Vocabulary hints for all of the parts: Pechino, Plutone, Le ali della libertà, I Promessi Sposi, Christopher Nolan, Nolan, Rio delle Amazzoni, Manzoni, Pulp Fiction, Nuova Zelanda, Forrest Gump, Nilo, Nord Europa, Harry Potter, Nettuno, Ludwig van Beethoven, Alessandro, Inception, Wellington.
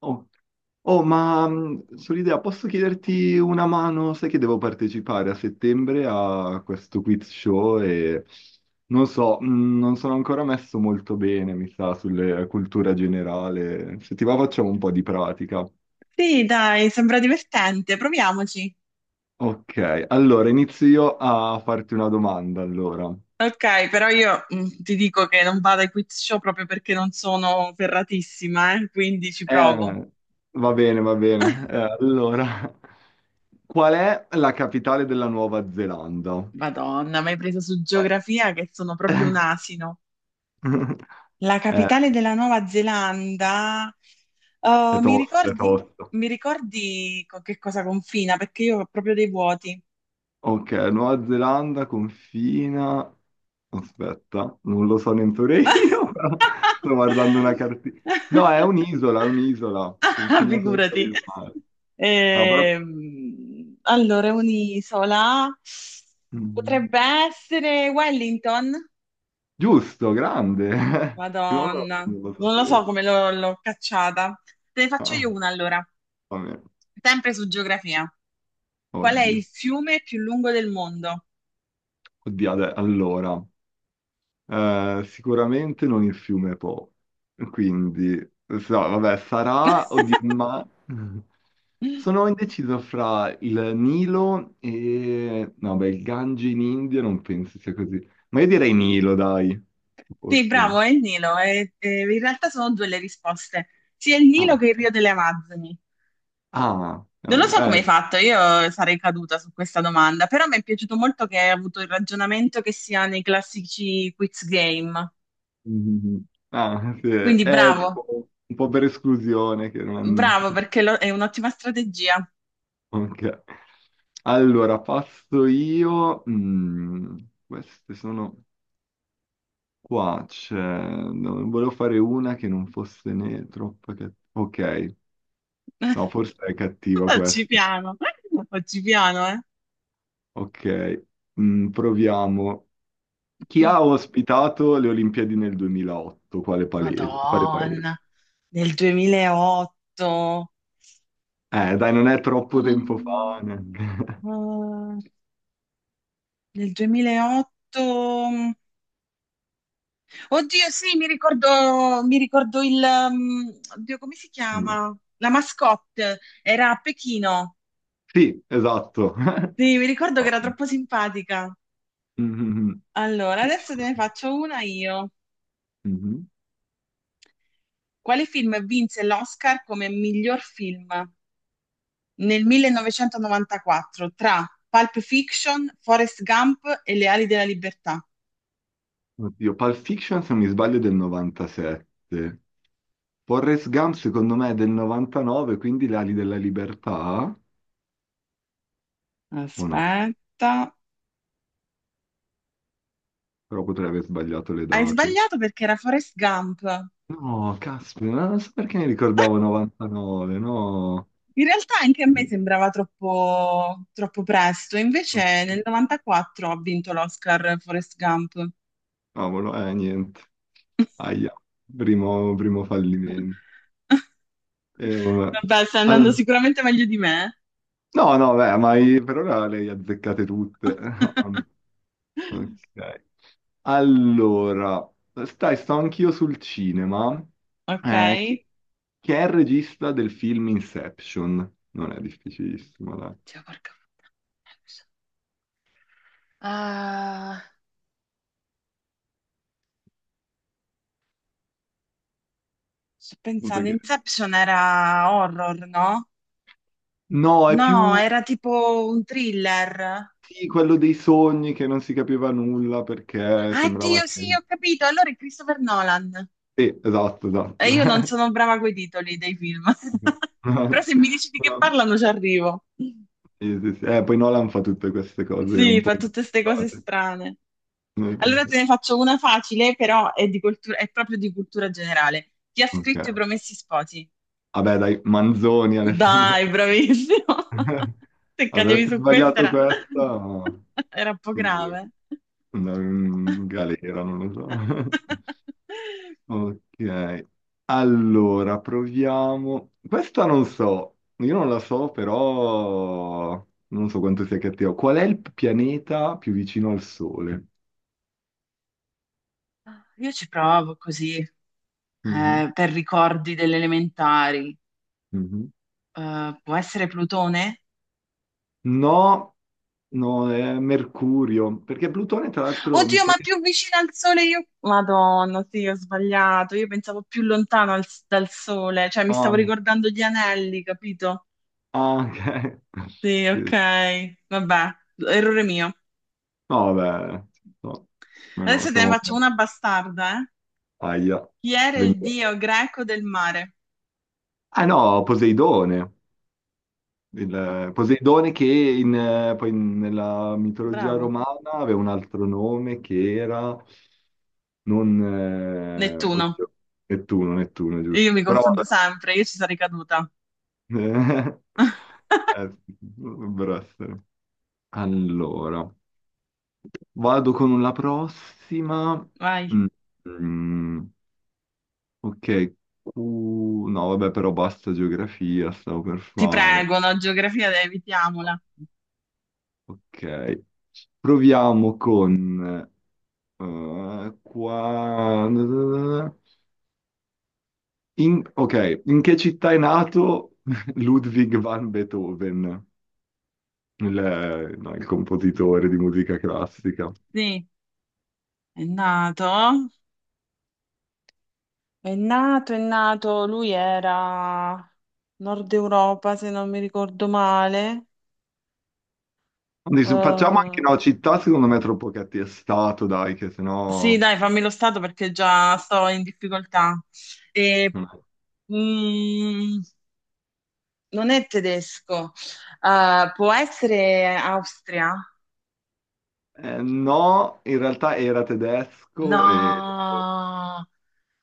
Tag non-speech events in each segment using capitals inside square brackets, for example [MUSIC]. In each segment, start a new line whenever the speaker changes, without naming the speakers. Oh, oh, sull'idea, posso chiederti una mano? Sai che devo partecipare a settembre a questo quiz show e non so, non sono ancora messo molto bene, mi sa, sulle cultura generale. Se ti va facciamo un po' di pratica.
Sì, dai, sembra divertente, proviamoci.
Ok, allora inizio io a farti una domanda, allora.
Ok, però io ti dico che non vado ai quiz show proprio perché non sono ferratissima, quindi ci provo.
Eh, va bene, va bene. Allora, [LAUGHS] qual è la capitale della Nuova Zelanda?
Madonna, mi hai preso su
Eh.
geografia che sono proprio un asino.
[LAUGHS]
La
Eh,
capitale della Nuova Zelanda.
è
Oh,
tosta, è tosta.
mi ricordi con che cosa confina? Perché io ho proprio dei vuoti.
Ok, Nuova Zelanda confina... Aspetta, non lo so neppure io, [LAUGHS] però sto guardando una cartina. No,
[LAUGHS]
è un'isola,
Ah,
confina solo per
figurati.
il mare. No, però...
Allora, un'isola
Mhm.
potrebbe essere Wellington.
Giusto, grande! [LAUGHS] Non lo,
Madonna,
non lo
non lo so
sapevo.
come l'ho cacciata. Te ne faccio
Ah,
io una allora,
vabbè,
sempre su geografia. Qual è
oddio.
il fiume più lungo del mondo?
Oddio, adè- allora... sicuramente non il fiume Po, quindi so, vabbè, sarà o di
[LAUGHS]
ma [LAUGHS] sono indeciso fra il Nilo e no, beh, il Gange in India non penso sia così, ma io direi Nilo, dai,
Sì,
forse.
bravo, è il Nilo. E in realtà sono due le risposte, sia il
Ah,
Nilo che il
ok.
Rio delle Amazzoni.
Ah,
Non lo
cavolo,
so come hai fatto, io sarei caduta su questa domanda, però mi è piaciuto molto che hai avuto il ragionamento che si ha nei classici quiz game.
[LAUGHS] mm, ah, sì,
Quindi
è
bravo,
tipo un po' per esclusione che non.
bravo perché lo- è un'ottima strategia.
Ok. Allora, passo io. Queste sono qua. C'è... no, volevo fare una che non fosse né troppo cattiva. Ok, no, forse è
[LAUGHS]
cattiva
Facci
questa.
piano, facci piano, eh.
Ok, proviamo. Chi
Mm.
ha ospitato le Olimpiadi nel 2008? Quale palese- Quale paese?
Madonna, nel 2008.
Dai, non è troppo tempo
Ah,
fa. Neanche. [LAUGHS]
ah, nel 2008. Oddio, sì, mi ricordo il... um, oddio, come si
No.
chiama? La mascotte, era a Pechino.
Sì, esatto. [LAUGHS]
Sì, mi ricordo che era troppo simpatica. Allora, adesso te ne faccio una io.
Mhm.
Quale film vinse l'Oscar come miglior film nel 1994 tra Pulp Fiction, Forrest Gump e Le ali della libertà?
Oddio, Pulp Fiction se non mi sbaglio è del 97. Forrest Gump secondo me è del 99, quindi le ali della libertà, o no?
Aspetta.
Però potrei aver sbagliato le
Hai
date.
sbagliato perché era Forrest Gump.
No, caspita, non so perché mi ricordavo 99, no.
In realtà anche a me sembrava troppo presto, invece nel 94 ha vinto l'Oscar Forrest Gump. [LAUGHS]
Cavolo, niente. Aia, primo, primo fallimento. Vabbè.
Vabbè, stai andando
Al-
sicuramente meglio di me.
no, no, beh, ma i- per ora le hai azzeccate tutte. [LAUGHS]
[LAUGHS]
Ok. Allora, sto anch'io sul cinema.
Ok?
Eh, chi, chi è il regista del film Inception? Non è difficilissimo, dai.
Cioè, porca puttana. Ah, sto
Appunto
pensando,
che-
Inception era horror, no?
no, è
No,
più
era tipo un thriller.
sì, quello dei sogni che non si capiva nulla perché
Ah, Dio,
sembrava...
sì, ho capito. Allora è Christopher Nolan.
Sì, esatto,
E
esatto.
io non sono brava coi titoli dei film, [LAUGHS] però se mi dici di
[LAUGHS]
che parlano ci arrivo.
Sì, sì, sì. Poi Nolan fa tutte queste cose un
Sì,
po'
fa tutte queste cose
inventate.
strane. Allora te ne faccio una facile, però è, di cultura- è proprio di cultura generale. Chi ha scritto I
Ok.
Promessi Sposi?
Vabbè, dai, Manzoni, Alessandro.
Dai, bravissimo!
[LAUGHS]
[LAUGHS] Se cadevi
Averti
su questa
sbagliato
era,
questa,
[LAUGHS] era un po'
mm,
grave.
andare in galera, non lo so. [LAUGHS]
[LAUGHS]
Ok, allora proviamo. Questa non so, io non la so, però non so quanto sia cattiva. Qual è il pianeta più vicino al Sole?
Io ci provo così,
Mhm,
per ricordi delle elementari.
mhm.
Può essere Plutone?
No, no, è Mercurio, perché Plutone, tra l'altro, mi
Oddio,
sa
ma
che...
più vicino al sole io... Madonna, sì, ho sbagliato. Io pensavo più lontano al- dal sole, cioè mi stavo
Ah,
ricordando gli anelli, capito?
ah, ok.
Sì, ok.
[LAUGHS]
Vabbè, errore mio.
No, vabbè, no, no, no,
Adesso te ne
siamo
faccio una bastarda, eh.
aia,
Chi era il
20
dio greco del mare?
ah no, Poseidone,
Oh,
Poseidone che in, poi nella mitologia
bravo.
romana aveva un altro nome che era, non,
Nettuno.
oddio, Nettuno, Nettuno,
Io
giusto.
mi
Però,
confondo sempre, io ci sarei caduta.
vabbè, [LAUGHS]
[LAUGHS]
dovrebbero essere. Allora, vado con la prossima.
Vai.
Mm, mm. Ok, Q- no, vabbè, però basta geografia, stavo per
Ti
fare.
prego, no, geografia, evitiamola.
Ok, proviamo con... qua... In- ok, in che città è nato [LAUGHS] Ludwig van Beethoven, il, no, il compositore di musica classica?
Sì, è nato. È nato, è nato, lui era Nord Europa, se non mi ricordo male.
Quindi se- facciamo anche,
Eh,
no, città secondo me è troppo cattiestato, dai, che
sì,
sennò...
dai, fammi lo stato perché già sto in difficoltà. E,
Eh,
mm, Non è tedesco. Può essere Austria?
no, in realtà era tedesco e...
No,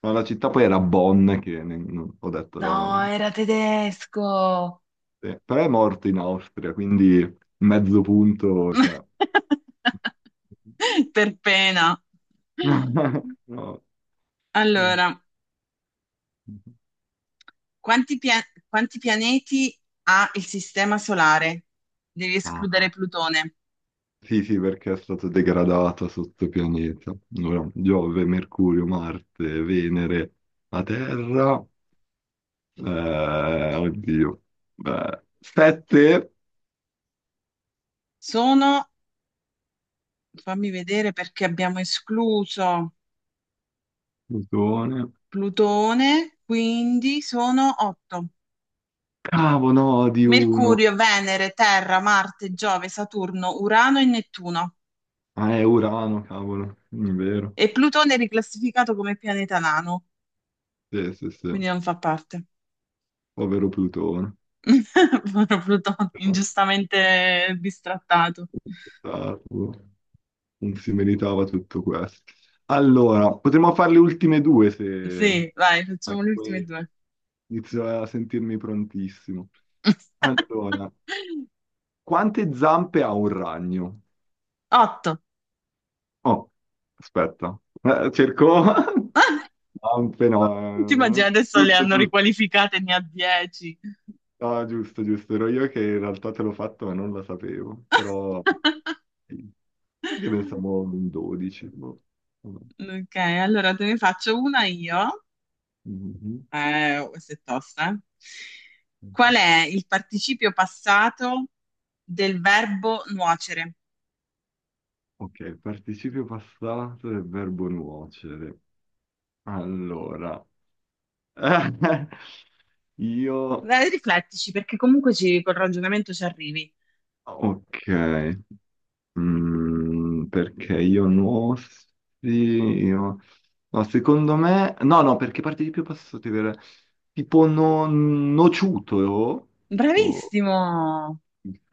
Ma la città poi era Bonn, che ne- non- ho detto no,
no,
non-
era tedesco.
sì. Però è morto in Austria, quindi mezzo punto, cioè...
[LAUGHS] Per pena.
[LAUGHS] No.
Allora. Quanti, pia- quanti pianeti ha il sistema solare? Devi escludere
Ah.
Plutone.
Sì, sì, perché è stato degradato sotto pianeta. Allora, Giove, Mercurio, Marte, Venere, la Terra, oddio, beh, sette,
Sono, fammi vedere perché abbiamo escluso
Plutone,
Plutone, quindi sono 8.
cavolo, no, di uno,
Mercurio, Venere, Terra, Marte, Giove, Saturno, Urano e Nettuno.
ah, è Urano, cavolo, è vero.
E Plutone è riclassificato come pianeta nano,
Sì, sì, sì.
quindi non fa parte.
Povero Plutone.
[LAUGHS] Povero Plutone, ingiustamente bistrattato.
Tarlo. Non si meritava tutto questo. Allora, potremmo fare le ultime due se...
Sì, vai, facciamo
perché
le ultime
poi
due.
inizio a sentirmi prontissimo.
[LAUGHS]
Allora, quante zampe ha un ragno?
Otto.
Oh, aspetta. Cerco... [LAUGHS] Zampe
Ti
no.
immagini
Eh,
adesso le
giusto,
hanno
giusto.
riqualificate, ne ha dieci.
No, giusto, giusto, ero io che in realtà te l'ho fatto ma non la sapevo, però
[LAUGHS]
sì. Perché pensavo un 12? Boh. No.
Ok, allora te ne faccio una io.
Mhm.
Questa è tosta, eh.
Ok,
Qual è il participio passato del verbo nuocere?
ok, participio passato del verbo nuocere. Allora, [LAUGHS] io...
Dai, riflettici, perché comunque ci- col ragionamento ci arrivi.
Ok. Perché io no, sì, io- no, secondo me, no, no, perché parte di più posso dire, tipo no, nociuto, o-
Bravissimo!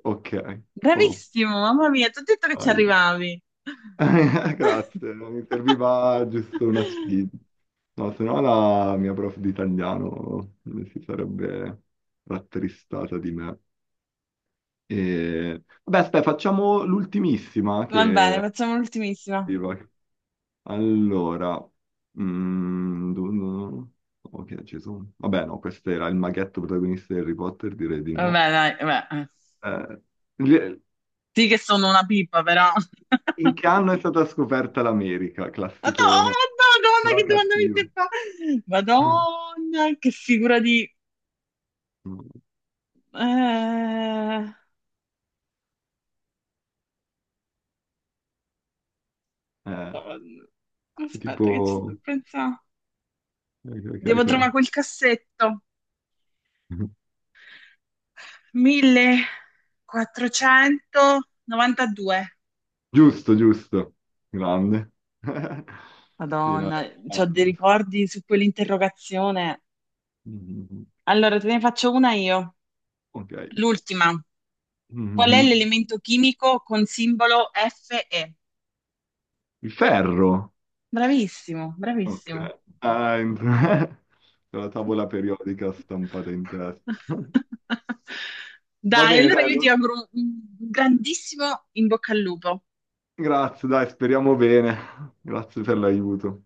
ok, oh,
Bravissimo, mamma mia, ti ho detto che ci
dai.
arrivavi. [LAUGHS]
[LAUGHS] Grazie, mi serviva giusto una sfida, no, se no la mia prof di italiano si sarebbe rattristata di me. E... Vabbè, aspetta, facciamo l'ultimissima
Va bene,
che...
facciamo l'ultimissima.
Allora, mm, du- du- ok, ci sono. Vabbè, no, questo era il maghetto protagonista di Harry Potter, direi di no.
Vabbè, dai, vabbè.
Eh, le-
Sì che sono una pippa, però. [LAUGHS]
in che anno è stata scoperta l'America?
Madonna,
Classicone,
oh, Madonna,
però
che domanda mi
cattivo.
stai fa?
Mm.
Madonna, che figura di... Madonna.
Eh, è
Aspetta che ci sto
tipo...
pensando.
Ok, ok,
Devo trovare
ok.
quel cassetto.
[LAUGHS]
1492.
Giusto, giusto. Grande. [LAUGHS] Sì, no, era-
Madonna, c'ho dei
grande.
ricordi su quell'interrogazione.
Mhm.
Allora, te ne faccio una io.
Ok.
L'ultima. Qual è
Mhm.
l'elemento chimico con simbolo Fe?
Il ferro.
Bravissimo,
Ok.
bravissimo.
Ah, entra- [LAUGHS] con la tavola periodica stampata in testa. [LAUGHS]
[LAUGHS]
Va
Dai,
bene,
allora
dai,
io ti
allora.
auguro un grandissimo in bocca al lupo.
Grazie, dai, speriamo bene. [LAUGHS] Grazie per l'aiuto.